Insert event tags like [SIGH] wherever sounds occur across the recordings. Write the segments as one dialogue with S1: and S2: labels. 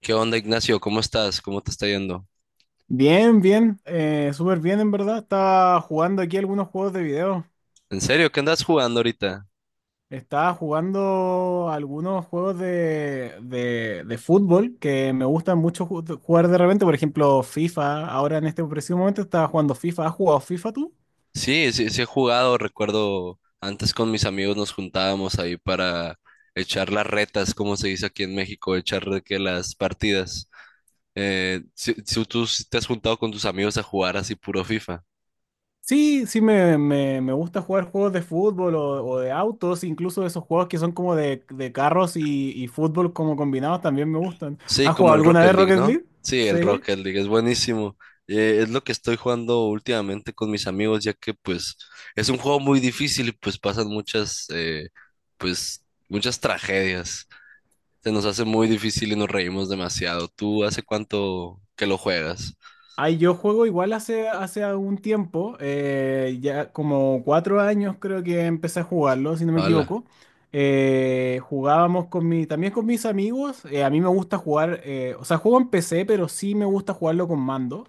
S1: ¿Qué onda, Ignacio? ¿Cómo estás? ¿Cómo te está yendo?
S2: Bien, bien, súper bien en verdad. Estaba jugando aquí algunos juegos de video.
S1: ¿En serio? ¿Qué andas jugando ahorita?
S2: Estaba jugando algunos juegos de fútbol que me gustan mucho jugar de repente. Por ejemplo, FIFA. Ahora en este preciso momento estaba jugando FIFA. ¿Has jugado FIFA tú?
S1: Sí, sí, sí he jugado. Recuerdo antes con mis amigos nos juntábamos ahí para echar las retas, como se dice aquí en México, echar de que las partidas. Si tú sí te has juntado con tus amigos a jugar así puro FIFA.
S2: Sí, sí, me gusta jugar juegos de fútbol o de autos, incluso esos juegos que son como de carros y fútbol como combinados también me gustan.
S1: Sí,
S2: ¿Has
S1: como
S2: jugado
S1: el
S2: alguna
S1: Rocket
S2: vez
S1: League,
S2: Rocket
S1: ¿no?
S2: League?
S1: Sí, el
S2: Sí.
S1: Rocket League es buenísimo. Es lo que estoy jugando últimamente con mis amigos, ya que pues es un juego muy difícil y pues pasan muchas, pues muchas tragedias. Se nos hace muy difícil y nos reímos demasiado. ¿Tú hace cuánto que lo juegas?
S2: Ay, yo juego igual hace algún tiempo, ya como 4 años creo que empecé a jugarlo, si no me
S1: Hola.
S2: equivoco. Jugábamos con mi, también con mis amigos. A mí me gusta jugar, o sea, juego en PC, pero sí me gusta jugarlo con mando.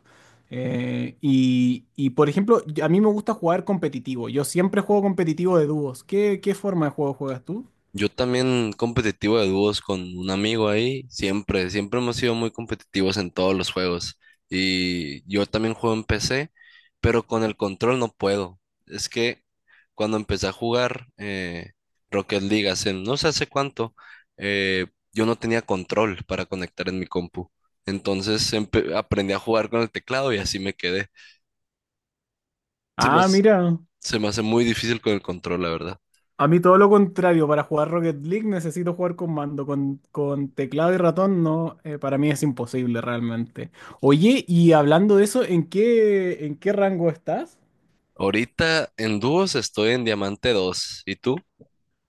S2: Por ejemplo, a mí me gusta jugar competitivo. Yo siempre juego competitivo de dúos. ¿Qué forma de juego juegas tú?
S1: Yo también competitivo de dúos con un amigo ahí, siempre, siempre hemos sido muy competitivos en todos los juegos. Y yo también juego en PC, pero con el control no puedo. Es que cuando empecé a jugar Rocket League hace no sé hace cuánto, eh, yo no tenía control para conectar en mi compu. Entonces aprendí a jugar con el teclado y así me quedé. Se me,
S2: Ah,
S1: hace-
S2: mira.
S1: se me hace muy difícil con el control, la verdad.
S2: A mí todo lo contrario, para jugar Rocket League necesito jugar con mando, con teclado y ratón no, para mí es imposible realmente. Oye, y hablando de eso, ¿en qué rango estás?
S1: Ahorita en dúos estoy en Diamante dos. ¿Y tú?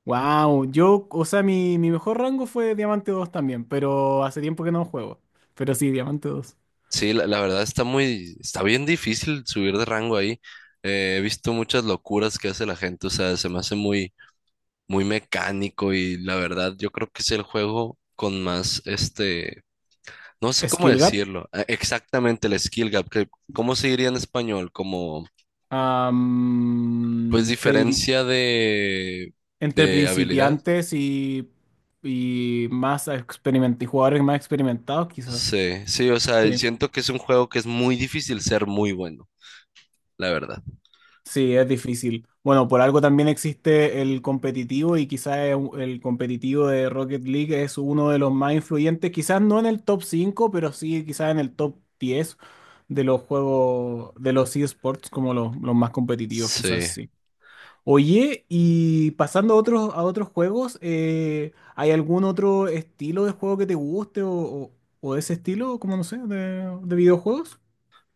S2: Wow, yo, o sea, mi mejor rango fue Diamante dos también, pero hace tiempo que no juego. Pero sí, Diamante dos.
S1: Sí, la verdad está muy, está bien difícil subir de rango ahí. He visto muchas locuras que hace la gente, o sea, se me hace muy, muy mecánico y la verdad yo creo que es el juego con más, este, no sé cómo
S2: Skill Gap.
S1: decirlo, exactamente el skill gap, que, ¿cómo se diría en español? Como, pues
S2: am, se diri-
S1: diferencia
S2: Entre
S1: de habilidad.
S2: principiantes y más experimentados, y jugadores más experimentados quizás.
S1: Sí, sí, o sea,
S2: Sí.
S1: siento que es un juego que es muy difícil ser muy bueno, la verdad.
S2: Sí, es difícil. Bueno, por algo también existe el competitivo y quizás el competitivo de Rocket League es uno de los más influyentes, quizás no en el top 5, pero sí quizás en el top 10 de los juegos, de los eSports como los más competitivos, quizás
S1: Sí.
S2: sí. Oye, y pasando a otros juegos, ¿hay algún otro estilo de juego que te guste o de ese estilo, como no sé, de videojuegos?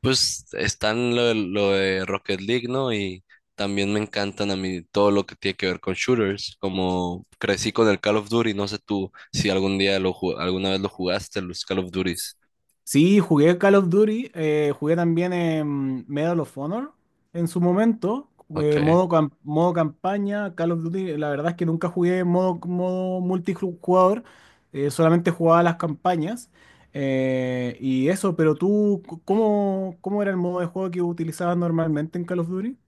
S1: Pues están lo de Rocket League, ¿no? Y también me encantan a mí todo lo que tiene que ver con shooters, como crecí con el Call of Duty, no sé tú si algún día alguna vez lo jugaste, los Call of Duties.
S2: Sí, jugué Call of Duty, jugué también en Medal of Honor en su momento,
S1: Ok.
S2: modo campaña, Call of Duty, la verdad es que nunca jugué modo multijugador, solamente jugaba las campañas y eso, pero tú, ¿cómo, cómo era el modo de juego que utilizabas normalmente en Call of Duty?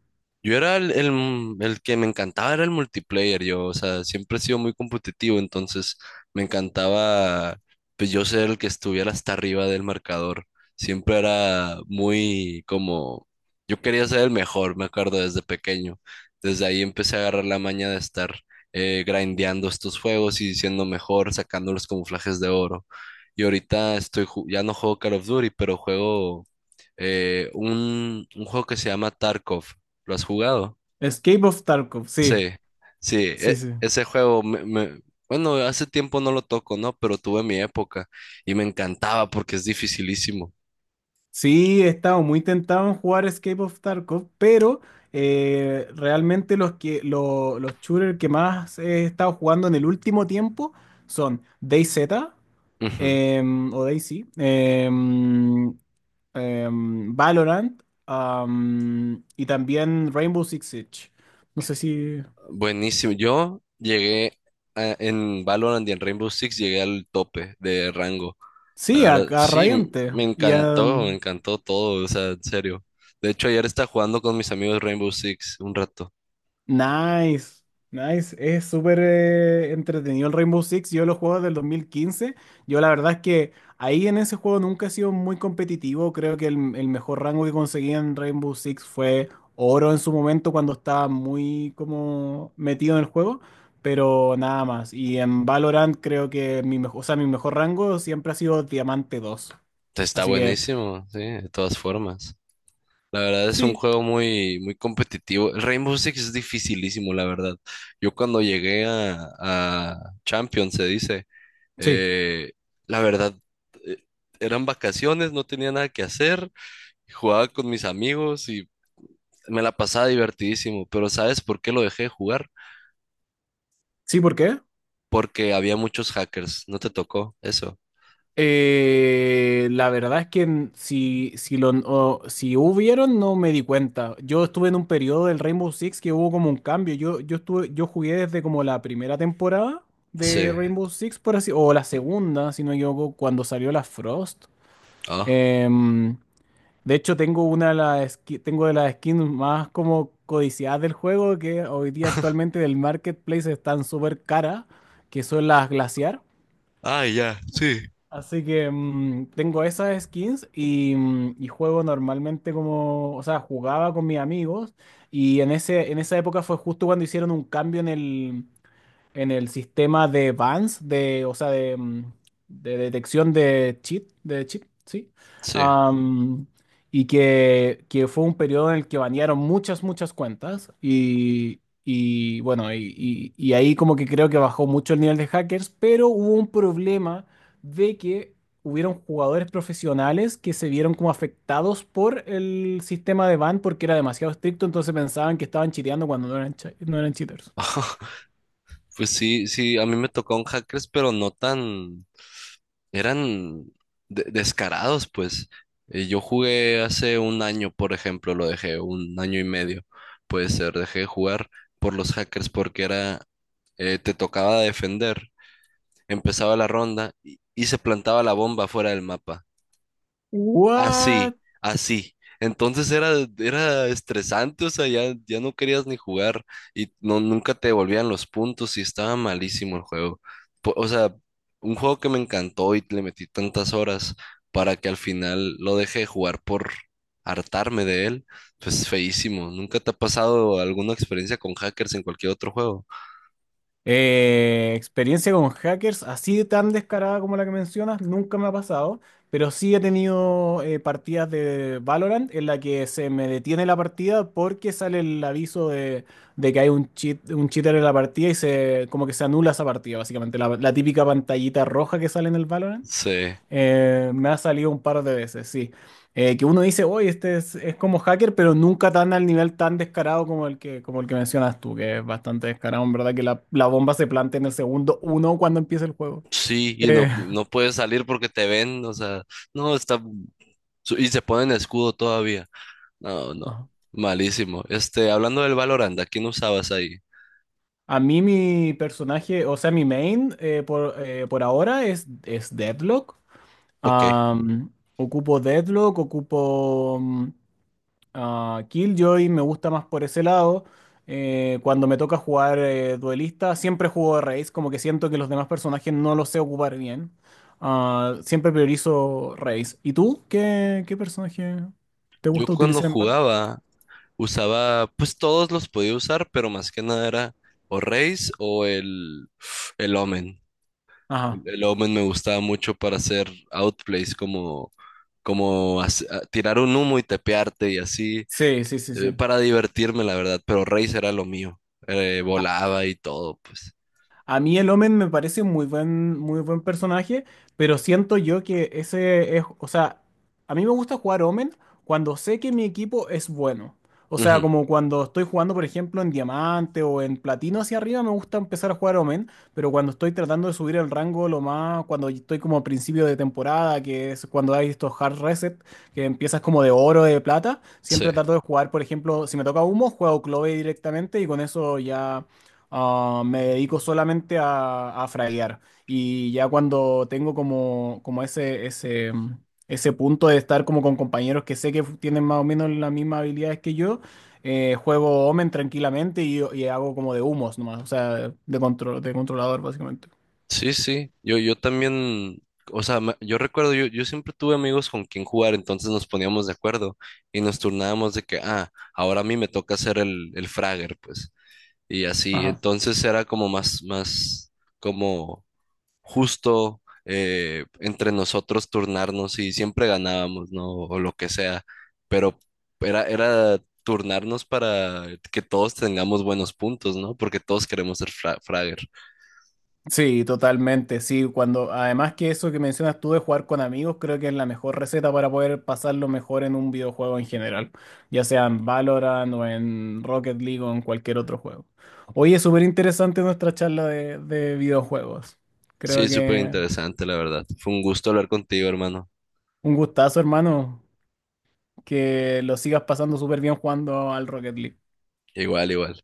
S1: Yo era el que me encantaba, era el multiplayer, yo, o sea, siempre he sido muy competitivo, entonces me encantaba, pues yo ser el que estuviera hasta arriba del marcador, siempre era muy como, yo quería ser el mejor, me acuerdo, desde pequeño, desde ahí empecé a agarrar la maña de estar grindeando estos juegos y siendo mejor, sacando los camuflajes de oro, y ahorita estoy, ya no juego Call of Duty, pero juego un juego que se llama Tarkov. ¿Lo has jugado?
S2: Escape of Tarkov, sí,
S1: Sí, sí,
S2: sí, sí.
S1: ese juego bueno, hace tiempo no lo toco, ¿no? Pero tuve mi época y me encantaba porque es dificilísimo.
S2: Sí, he estado muy tentado en jugar Escape of Tarkov, pero realmente los los shooters que más he estado jugando en el último tiempo son DayZ
S1: Ujú.
S2: o DayZ, em, Valorant y también Rainbow Six Siege. No sé si...
S1: Buenísimo. Yo llegué en Valorant y en Rainbow Six llegué al tope de rango. La
S2: Sí,
S1: verdad,
S2: a
S1: sí,
S2: Radiante y a,
S1: me encantó todo, o sea, en serio. De hecho, ayer estaba jugando con mis amigos Rainbow Six un rato.
S2: nice, nice. Es súper entretenido el Rainbow Six. Yo lo juego del 2015. Yo la verdad es que ahí en ese juego nunca he sido muy competitivo. Creo que el mejor rango que conseguí en Rainbow Six fue oro en su momento cuando estaba muy como metido en el juego, pero nada más. Y en Valorant creo que mi mejor, o sea, mi mejor rango siempre ha sido diamante dos.
S1: Está
S2: Así que
S1: buenísimo, sí, de todas formas. La verdad es un
S2: sí,
S1: juego muy, muy competitivo. El Rainbow Six es dificilísimo, la verdad. Yo cuando llegué a Champions, se dice,
S2: sí.
S1: eh, la verdad, eh, eran vacaciones, no tenía nada que hacer, jugaba con mis amigos y me la pasaba divertidísimo. Pero ¿sabes por qué lo dejé de jugar?
S2: Sí, ¿por qué?
S1: Porque había muchos hackers, no te tocó eso.
S2: La verdad es que si, si, si hubieron, no me di cuenta. Yo estuve en un periodo del Rainbow Six que hubo como un cambio. Yo estuve, yo jugué desde como la primera temporada de
S1: Sí.
S2: Rainbow Six, por así, o la segunda, si no me equivoco, cuando salió la Frost.
S1: Ah.
S2: Em, de hecho, tengo una de las tengo de las skins más como codiciadas del juego, que hoy día actualmente del marketplace están súper caras, que son las Glaciar.
S1: Ah, ya, sí.
S2: Así que tengo esas skins y, y juego normalmente como, o sea, jugaba con mis amigos y en en esa época fue justo cuando hicieron un cambio en en el sistema de Vance, de, o sea, de detección de de cheat, sí.
S1: Sí.
S2: Am, y que fue un periodo en el que banearon muchas cuentas. Y bueno, y ahí como que creo que bajó mucho el nivel de hackers, pero hubo un problema de que hubieron jugadores profesionales que se vieron como afectados por el sistema de ban porque era demasiado estricto, entonces pensaban que estaban chiteando cuando no eran, no eran cheaters.
S1: Pues sí, sí, a mí me tocaron hackers, pero no tan... eran descarados, pues. Yo jugué hace un año, por ejemplo, lo dejé, un año y medio, puede ser, dejé de jugar por los hackers porque era, te tocaba defender, empezaba la ronda y se plantaba la bomba fuera del mapa. Así,
S2: ¿What?
S1: así. Entonces era, era estresante, o sea, ya, ya no querías ni jugar y no, nunca te devolvían los puntos y estaba malísimo el juego. O sea, un juego que me encantó y le metí tantas horas para que al final lo dejé de jugar por hartarme de él, pues feísimo. ¿Nunca te ha pasado alguna experiencia con hackers en cualquier otro juego?
S2: Experiencia con hackers, así de tan descarada como la que mencionas, nunca me ha pasado, pero sí he tenido partidas de Valorant en la que se me detiene la partida porque sale el aviso de que hay un cheat, un cheater en la partida y se como que se anula esa partida, básicamente, la típica pantallita roja que sale en el Valorant.
S1: Sí,
S2: Me ha salido un par de veces, sí. Que uno dice, oye, este es como hacker, pero nunca tan al nivel tan descarado como como el que mencionas tú, que es bastante descarado, en verdad, que la bomba se plantea en el segundo uno cuando empieza el juego.
S1: sí, y
S2: Eh,
S1: no, no
S2: [LAUGHS]
S1: puedes salir porque te ven, o sea, no, está... Y se ponen escudo todavía. No, no.
S2: ajá.
S1: Malísimo. Este, hablando del Valorant, ¿a quién usabas ahí?
S2: A mí mi personaje, o sea, mi main por ahora es Deadlock.
S1: Ok.
S2: Am, Ocupo Deadlock, ocupo Killjoy, me gusta más por ese lado. Cuando me toca jugar duelista, siempre juego Raze, como que siento que los demás personajes no los sé ocupar bien. Ah, siempre priorizo Raze. ¿Y tú? ¿Qué personaje te
S1: Yo
S2: gusta
S1: cuando
S2: utilizar en Valorant?
S1: jugaba, usaba, pues todos los podía usar, pero más que nada era o Raze o el Omen.
S2: Ajá.
S1: El Omen me gustaba mucho para hacer outplays, como, tirar un humo y tepearte y así,
S2: Sí, sí, sí, sí.
S1: para divertirme, la verdad. Pero Raze era lo mío. Volaba y todo, pues.
S2: A mí el Omen me parece un muy buen personaje, pero siento yo que ese es, o sea, a mí me gusta jugar Omen cuando sé que mi equipo es bueno. O sea,
S1: Ujú,
S2: como cuando estoy jugando, por ejemplo, en diamante o en platino hacia arriba, me gusta empezar a jugar Omen, pero cuando estoy tratando de subir el rango lo más, cuando estoy como a principio de temporada, que es cuando hay estos hard reset, que empiezas como de oro, de plata,
S1: sí.
S2: siempre trato de jugar, por ejemplo, si me toca humo, juego Clove directamente y con eso ya ah, me dedico solamente a fraguear y ya cuando tengo como, como ese, ese punto de estar como con compañeros que sé que tienen más o menos las mismas habilidades que yo, juego Omen tranquilamente y hago como de humos nomás, o sea, de, control, de controlador básicamente.
S1: Sí, sí, yo también, o sea, yo recuerdo, yo siempre tuve amigos con quien jugar, entonces nos poníamos de acuerdo y nos turnábamos de que, ah, ahora a mí me toca hacer el fragger, pues, y así,
S2: Ajá.
S1: entonces era como más, más, como justo entre nosotros turnarnos y siempre ganábamos, ¿no? O lo que sea, pero era, era turnarnos para que todos tengamos buenos puntos, ¿no? Porque todos queremos ser Fragger.
S2: Sí, totalmente, sí, cuando además que eso que mencionas tú de jugar con amigos, creo que es la mejor receta para poder pasarlo mejor en un videojuego en general, ya sea en Valorant o en Rocket League o en cualquier otro juego. Hoy es súper interesante nuestra charla de videojuegos. Creo
S1: Sí, súper
S2: que
S1: interesante, la verdad. Fue un gusto hablar contigo, hermano.
S2: un gustazo, hermano, que lo sigas pasando súper bien jugando al Rocket League.
S1: Igual, igual.